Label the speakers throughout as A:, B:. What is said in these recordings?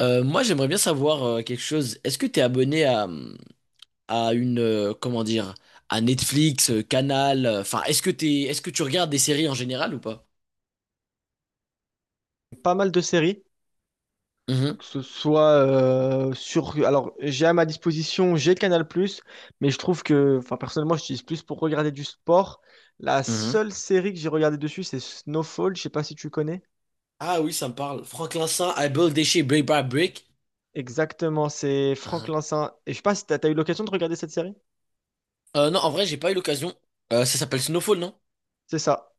A: Moi, j'aimerais bien savoir quelque chose. Est-ce que tu es abonné à une, comment dire, à Netflix, Canal, enfin, est-ce que tu regardes des séries en général ou pas?
B: Pas mal de séries,
A: Mhm,
B: que ce soit sur... Alors, j'ai à ma disposition, j'ai Canal+, mais je trouve que, enfin, personnellement, j'utilise plus pour regarder du sport. La
A: mhm.
B: seule série que j'ai regardée dessus, c'est Snowfall, je sais pas si tu connais.
A: Ah oui, ça me parle. Franck Vincent, I Build Déchet, Brick by Brick.
B: Exactement, c'est Franck
A: Mhm.
B: Lincin. Et je sais pas si t'as eu l'occasion de regarder cette série?
A: Non, en vrai, j'ai pas eu l'occasion. Ça s'appelle Snowfall, non?
B: C'est ça.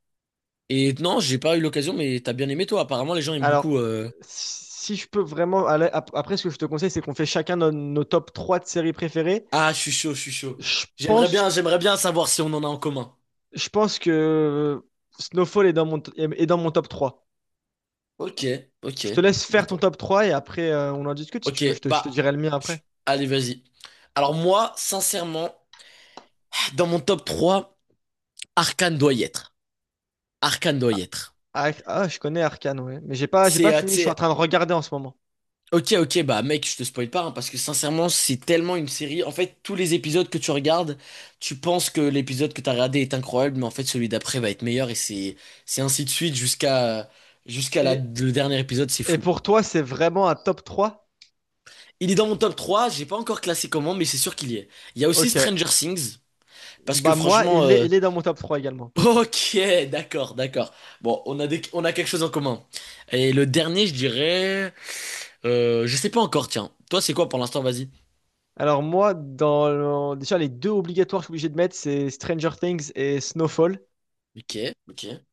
A: Et non, j'ai pas eu l'occasion, mais t'as bien aimé toi. Apparemment, les gens aiment
B: Alors,
A: beaucoup.
B: si je peux vraiment aller... Après, ce que je te conseille, c'est qu'on fait chacun nos top 3 de séries préférées.
A: Ah, je suis chaud, je suis chaud.
B: Je pense,
A: J'aimerais bien savoir si on en a en commun.
B: je pense que Snowfall est dans est dans mon top 3.
A: Ok, ok,
B: Je te laisse faire ton
A: d'accord.
B: top 3 et après on en discute si
A: Ok,
B: tu veux. Je te
A: bah,
B: dirai le mien après.
A: chut, allez, vas-y. Alors moi, sincèrement, dans mon top trois, Arcane doit y être. Arcane doit y
B: Ah,
A: être.
B: ah, je connais Arcane, ouais. Mais j'ai
A: C'est,
B: pas
A: tu
B: fini, je suis en
A: sais,
B: train de regarder en ce moment.
A: ok, ok, bah mec, je te spoil pas, hein, parce que sincèrement, c'est tellement une série. En fait, tous les épisodes que tu regardes, tu penses que l'épisode que t'as regardé est incroyable, mais en fait, celui d'après va être meilleur, et c'est ainsi de suite jusqu'à
B: Et,
A: le dernier épisode, c'est
B: et
A: fou.
B: pour toi, c'est vraiment un top trois.
A: Il est dans mon top 3. J'ai pas encore classé comment, mais c'est sûr qu'il y est. Il y a aussi
B: Ok.
A: Stranger Things, parce que
B: Bah moi,
A: franchement.
B: il est dans mon top 3 également.
A: Ok, d'accord, d'accord. Bon, on a quelque chose en commun. Et le dernier, je dirais, je sais pas encore. Tiens, toi, c'est quoi pour l'instant? Vas-y.
B: Alors moi, dans déjà les deux obligatoires que je suis obligé de mettre, c'est Stranger Things et Snowfall.
A: Ok, ok.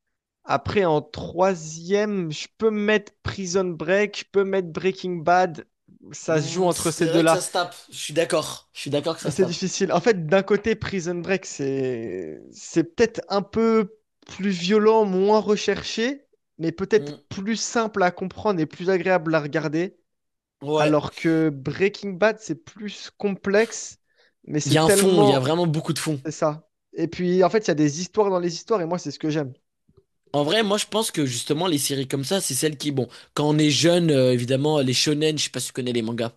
B: Après, en troisième, je peux mettre Prison Break, je peux mettre Breaking Bad. Ça se joue
A: Hmm,
B: entre ces
A: c'est vrai que ça
B: deux-là.
A: se tape. Je suis d'accord. Je suis d'accord que ça se
B: C'est
A: tape.
B: difficile. En fait, d'un côté, Prison Break, c'est peut-être un peu plus violent, moins recherché, mais peut-être
A: Hmm,
B: plus simple à comprendre et plus agréable à regarder.
A: ouais.
B: Alors que Breaking Bad, c'est plus complexe, mais
A: Il y a
B: c'est
A: un fond. Il y a
B: tellement...
A: vraiment beaucoup de fond.
B: C'est ça. Et puis, en fait, il y a des histoires dans les histoires, et moi, c'est ce que j'aime.
A: En vrai, moi, je pense que justement, les séries comme ça, c'est celles qui, bon, quand on est jeune, évidemment, les shonen. Je sais pas si tu connais les mangas.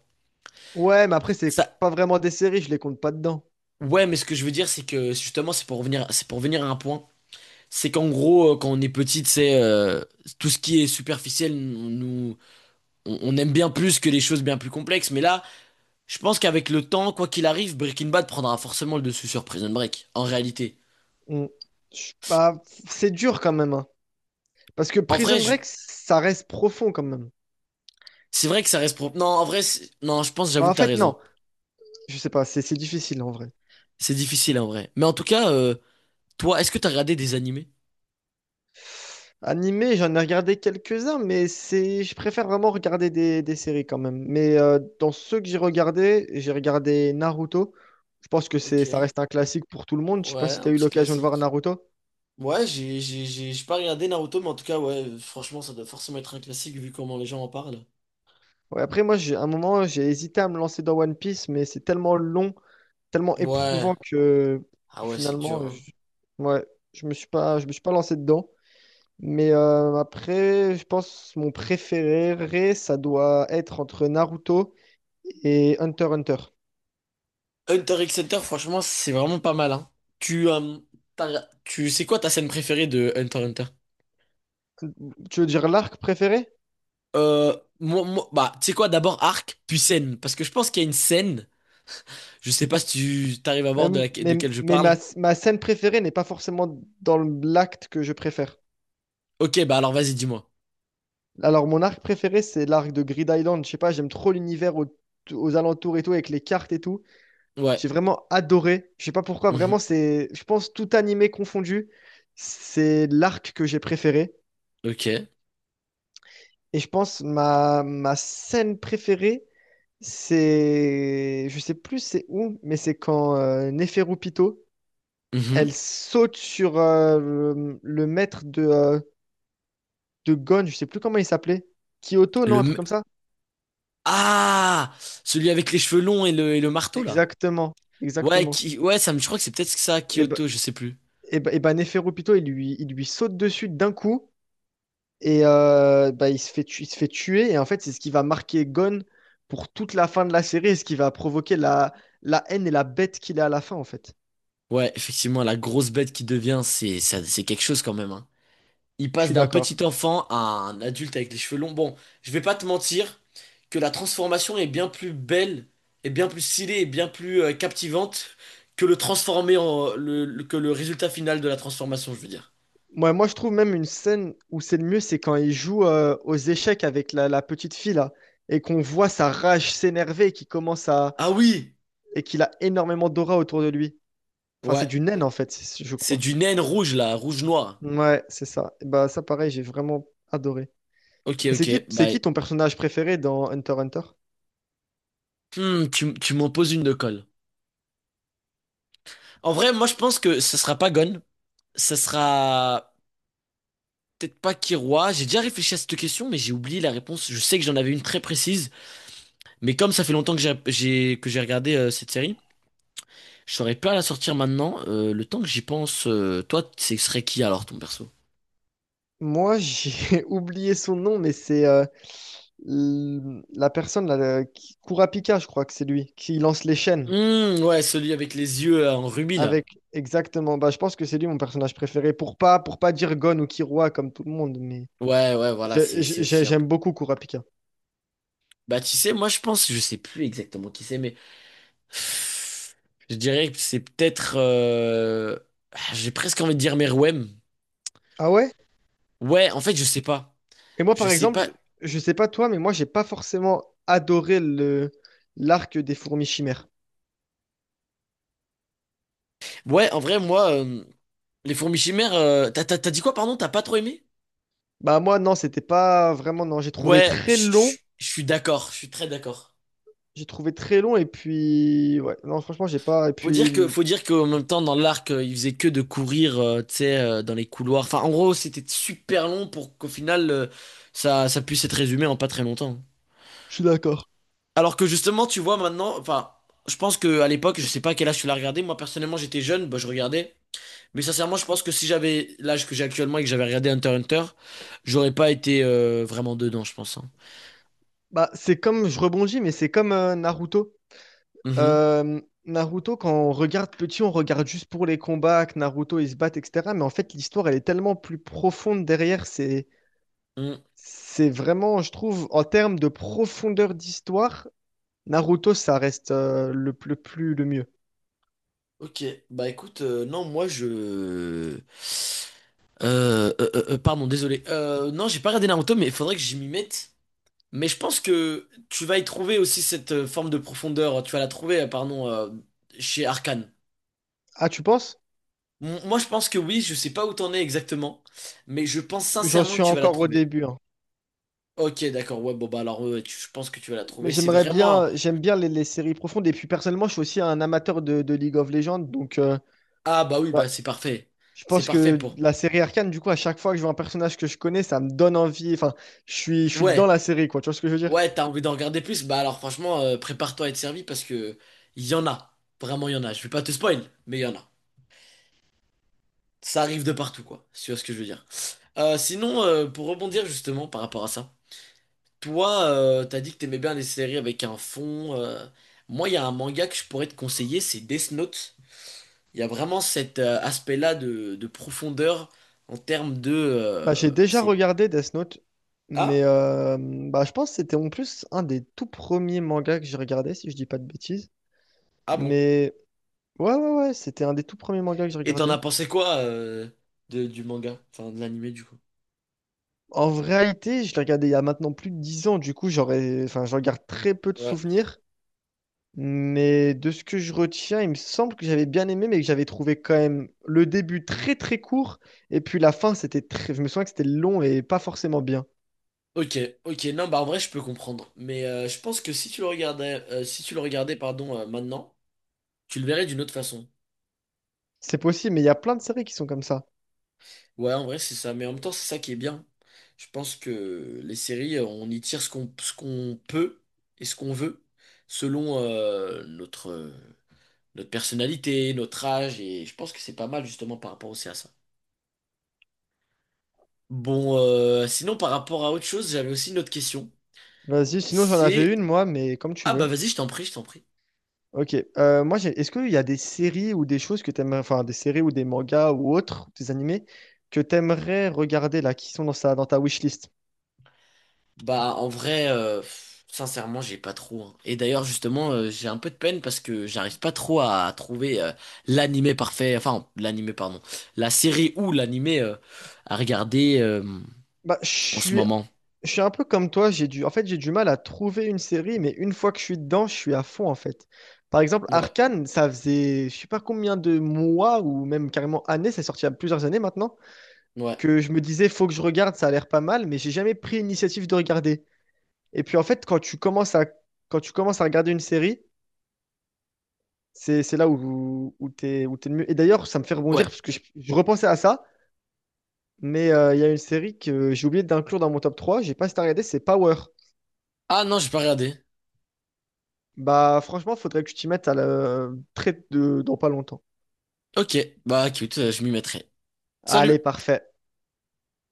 B: Ouais, mais après, c'est
A: Ça.
B: pas vraiment des séries, je les compte pas dedans.
A: Ouais, mais ce que je veux dire, c'est que justement, c'est pour venir à un point. C'est qu'en gros, quand on est petit, c'est tout ce qui est superficiel, nous, on aime bien plus que les choses bien plus complexes. Mais là, je pense qu'avec le temps, quoi qu'il arrive, Breaking Bad prendra forcément le dessus sur Prison Break. En réalité,
B: Mm. Bah, c'est dur quand même, hein. Parce que
A: en vrai,
B: Prison Break, ça reste profond quand même.
A: c'est vrai que ça reste propre. Non, en vrai, non, je pense,
B: Bah,
A: j'avoue
B: en
A: que t'as
B: fait,
A: raison.
B: non. Je sais pas, c'est difficile en vrai.
A: C'est difficile en vrai. Mais en tout cas, toi, est-ce que t'as regardé des animés?
B: Animé, j'en ai regardé quelques-uns, mais c'est, je préfère vraiment regarder des séries quand même. Mais dans ceux que j'ai regardés, j'ai regardé Naruto. Je pense que
A: Ok,
B: c'est, ça reste un classique pour tout le monde. Je sais pas
A: ouais,
B: si tu
A: un
B: as eu
A: petit
B: l'occasion de voir
A: classique.
B: Naruto.
A: Ouais, j'ai pas regardé Naruto, mais en tout cas, ouais, franchement, ça doit forcément être un classique vu comment les gens en parlent.
B: Ouais, après, moi, j'ai, à un moment, j'ai hésité à me lancer dans One Piece, mais c'est tellement long, tellement
A: Ouais.
B: éprouvant que
A: Ah ouais, c'est dur,
B: finalement, je,
A: hein.
B: ouais, je me suis pas, je me suis pas lancé dedans. Mais après, je pense mon préféré, ça doit être entre Naruto et Hunter x Hunter.
A: Hunter x Hunter, franchement, c'est vraiment pas mal, hein. Tu, euh, c'est quoi ta scène préférée de Hunter x Hunter?
B: Tu veux dire l'arc préféré?
A: Bah, tu sais quoi, d'abord arc, puis scène. Parce que je pense qu'il y a une scène, je sais pas si tu t'arrives à voir de quelle je
B: Mais
A: parle.
B: ma scène préférée n'est pas forcément dans l'acte que je préfère.
A: Ok, bah alors vas-y, dis-moi.
B: Alors, mon arc préféré, c'est l'arc de Grid Island. Je sais pas, j'aime trop l'univers aux alentours et tout, avec les cartes et tout.
A: Ouais.
B: J'ai vraiment adoré. Je sais pas pourquoi, vraiment,
A: Mhm.
B: c'est, je pense, tout animé confondu, c'est l'arc que j'ai préféré.
A: Ok.
B: Et je pense ma scène préférée, c'est, je sais plus c'est où, mais c'est quand Neferu Pito elle
A: Mhm.
B: saute sur le maître de Gon, je sais plus comment il s'appelait. Kyoto,
A: Le...
B: non, un truc
A: m-
B: comme ça?
A: Ah! Celui avec les cheveux longs et et le marteau, là.
B: Exactement,
A: Ouais,
B: exactement.
A: ouais, je crois que c'est peut-être ça,
B: Et ben,
A: Kyoto, je sais plus.
B: et ben Neferupito, il lui saute dessus d'un coup et bah, il se fait tuer. Et en fait, c'est ce qui va marquer Gon pour toute la fin de la série et ce qui va provoquer la haine et la bête qu'il a à la fin, en fait.
A: Ouais, effectivement, la grosse bête qui devient, c'est quelque chose quand même, hein. Il
B: Je
A: passe
B: suis
A: d'un
B: d'accord.
A: petit enfant à un adulte avec les cheveux longs. Bon, je vais pas te mentir que la transformation est bien plus belle, est bien plus stylée, et bien plus captivante que le transformer en, le- que le résultat final de la transformation, je veux dire.
B: Moi, je trouve même une scène où c'est le mieux, c'est quand il joue aux échecs avec la petite fille là, et qu'on voit sa rage s'énerver, qui commence à
A: Ah oui!
B: et qu'il a énormément d'aura autour de lui. Enfin, c'est
A: Ouais.
B: du naine en fait, je
A: C'est
B: crois.
A: du naine rouge là, rouge-noir.
B: Ouais, c'est ça. Et bah ça, pareil, j'ai vraiment adoré.
A: Ok,
B: Et
A: ok,
B: c'est
A: bye.
B: qui ton personnage préféré dans Hunter x Hunter?
A: Hmm, tu m'en poses une de colle. En vrai, moi je pense que ça sera pas Gon. Ça sera peut-être pas Kiroi. J'ai déjà réfléchi à cette question, mais j'ai oublié la réponse. Je sais que j'en avais une très précise. Mais comme ça fait longtemps que j'ai regardé cette série, je saurais pas la sortir maintenant. Le temps que j'y pense, toi, ce serait qui alors ton perso?
B: Moi, j'ai oublié son nom, mais c'est la personne Kurapika, je crois que c'est lui, qui lance les chaînes.
A: Hmm, ouais, celui avec les yeux en rubis là.
B: Avec exactement, bah, je pense que c'est lui mon personnage préféré pour pas dire Gon ou Killua comme tout le monde, mais
A: Ouais, ouais, voilà, c'est aussi un peu.
B: j'aime beaucoup Kurapika.
A: Bah tu sais, moi je pense, je sais plus exactement qui c'est, mais je dirais que c'est peut-être. J'ai presque envie de dire Meruem.
B: Ah ouais?
A: Ouais, en fait, je sais pas.
B: Et moi
A: Je
B: par
A: sais pas.
B: exemple, je sais pas toi, mais moi j'ai pas forcément adoré le l'arc des fourmis chimères.
A: Ouais, en vrai, moi, les fourmis chimères. T'as dit quoi, pardon? T'as pas trop aimé?
B: Bah moi non, c'était pas vraiment non, j'ai trouvé
A: Ouais, je
B: très
A: je-
B: long,
A: je suis d'accord, je suis très d'accord.
B: j'ai trouvé très long et puis ouais, non franchement j'ai pas et
A: Faut
B: puis
A: dire que,
B: l-
A: faut dire qu'en même temps, dans l'arc, il faisait que de courir, tu sais, dans les couloirs. Enfin, en gros, c'était super long pour qu'au final, ça puisse être résumé en pas très longtemps.
B: je suis d'accord.
A: Alors que justement, tu vois, maintenant, enfin, je pense que à l'époque, je sais pas à quel âge tu l'as regardé. Moi, personnellement, j'étais jeune, bah, je regardais. Mais sincèrement, je pense que si j'avais l'âge que j'ai actuellement et que j'avais regardé Hunter x Hunter, j'aurais pas été vraiment dedans, je pense, hein.
B: Bah c'est comme je rebondis, mais c'est comme Naruto. Euh, Naruto, quand on regarde petit, on regarde juste pour les combats, que Naruto ils se battent, etc. Mais en fait, l'histoire, elle est tellement plus profonde derrière.
A: Mhm.
B: C'est vraiment, je trouve, en termes de profondeur d'histoire, Naruto, ça reste le plus, le mieux.
A: Ok, bah écoute, non, pardon, désolé. Non, j'ai pas regardé Naruto, mais il faudrait que j'y m'y mette. Mais je pense que tu vas y trouver aussi cette forme de profondeur. Tu vas la trouver, pardon, chez Arcane.
B: Ah, tu penses?
A: Moi, je pense que oui, je sais pas où t'en es exactement, mais je pense
B: J'en
A: sincèrement
B: suis
A: que tu vas la
B: encore au
A: trouver.
B: début, hein.
A: Ok, d'accord, ouais, bon, bah alors, ouais, je pense que tu vas la
B: Mais
A: trouver. C'est vraiment.
B: j'aime bien les séries profondes. Et puis personnellement, je suis aussi un amateur de League of Legends. Donc, bah,
A: Ah, bah oui, bah c'est parfait.
B: je
A: C'est
B: pense
A: parfait
B: que
A: pour.
B: la série Arcane, du coup, à chaque fois que je vois un personnage que je connais, ça me donne envie. Enfin, je suis
A: Ouais.
B: dans la série, quoi. Tu vois ce que je veux dire?
A: Ouais, t'as envie d'en regarder plus? Bah alors franchement, prépare-toi à être servi parce que il y en a. Vraiment, il y en a. Je vais pas te spoil, mais il y en a. Ça arrive de partout, quoi. Si tu vois ce que je veux dire. Sinon, pour rebondir justement par rapport à ça, toi, t'as dit que t'aimais bien les séries avec un fond. Moi, il y a un manga que je pourrais te conseiller, c'est Death Note. Il y a vraiment cet aspect-là de profondeur en termes de.
B: Bah, j'ai déjà
A: C'est.
B: regardé Death Note, mais
A: Ah?
B: bah, je pense que c'était en plus un des tout premiers mangas que j'ai regardé, si je dis pas de bêtises.
A: Ah bon.
B: Mais ouais, c'était un des tout premiers mangas que j'ai
A: Et t'en as
B: regardé.
A: pensé quoi du manga? Enfin, de l'animé, du coup.
B: En réalité, je l'ai regardé il y a maintenant plus de 10 ans, du coup, j'aurais, enfin, je regarde très peu de souvenirs. Mais de ce que je retiens, il me semble que j'avais bien aimé, mais que j'avais trouvé quand même le début très très court, et puis la fin, c'était très... je me souviens que c'était long et pas forcément bien.
A: Ok, ok, non, bah en vrai, je peux comprendre. Mais je pense que si tu le regardais, pardon, maintenant, tu le verrais d'une autre façon.
B: C'est possible, mais il y a plein de séries qui sont comme ça.
A: Ouais, en vrai, c'est ça. Mais en même temps, c'est ça qui est bien. Je pense que les séries, on y tire ce qu'on peut et ce qu'on veut selon notre personnalité, notre âge. Et je pense que c'est pas mal justement par rapport aussi à ça. Bon, sinon, par rapport à autre chose, j'avais aussi une autre question.
B: Vas-y, sinon j'en avais
A: C'est.
B: une, moi, mais comme tu
A: Ah bah
B: veux.
A: vas-y, je t'en prie, je t'en prie.
B: Ok, moi, est-ce qu'il y a des séries ou des choses que t'aimerais, enfin des séries ou des mangas ou autres, des animés, que t'aimerais regarder là, qui sont dans ta wishlist?
A: Bah en vrai, pff, sincèrement, j'ai pas trop, hein. Et d'ailleurs, justement, j'ai un peu de peine parce que j'arrive pas trop à trouver l'animé parfait, enfin l'animé, pardon, la série ou l'animé à regarder
B: Bah, je
A: en ce
B: suis
A: moment.
B: Je suis un peu comme toi, j'ai du... en fait, j'ai du mal à trouver une série, mais une fois que je suis dedans, je suis à fond, en fait. Par exemple,
A: Ouais,
B: Arcane, ça faisait je sais pas combien de mois ou même carrément années, c'est sorti il y a plusieurs années maintenant,
A: ouais,
B: que je me disais, faut que je regarde, ça a l'air pas mal, mais j'ai jamais pris l'initiative de regarder. Et puis, en fait, quand tu commences à regarder une série, c'est là où t'es le mieux. Et d'ailleurs, ça me fait
A: ouais.
B: rebondir, parce que je repensais à ça, mais il y a une série que j'ai oublié d'inclure dans mon top 3, j'ai pas si t'as regardé, c'est Power.
A: Ah non, j'ai pas regardé.
B: Bah, franchement, faudrait que tu t'y mettes à la... très de... dans pas longtemps.
A: Ok, bah écoute, je m'y mettrai.
B: Allez,
A: Salut!
B: parfait.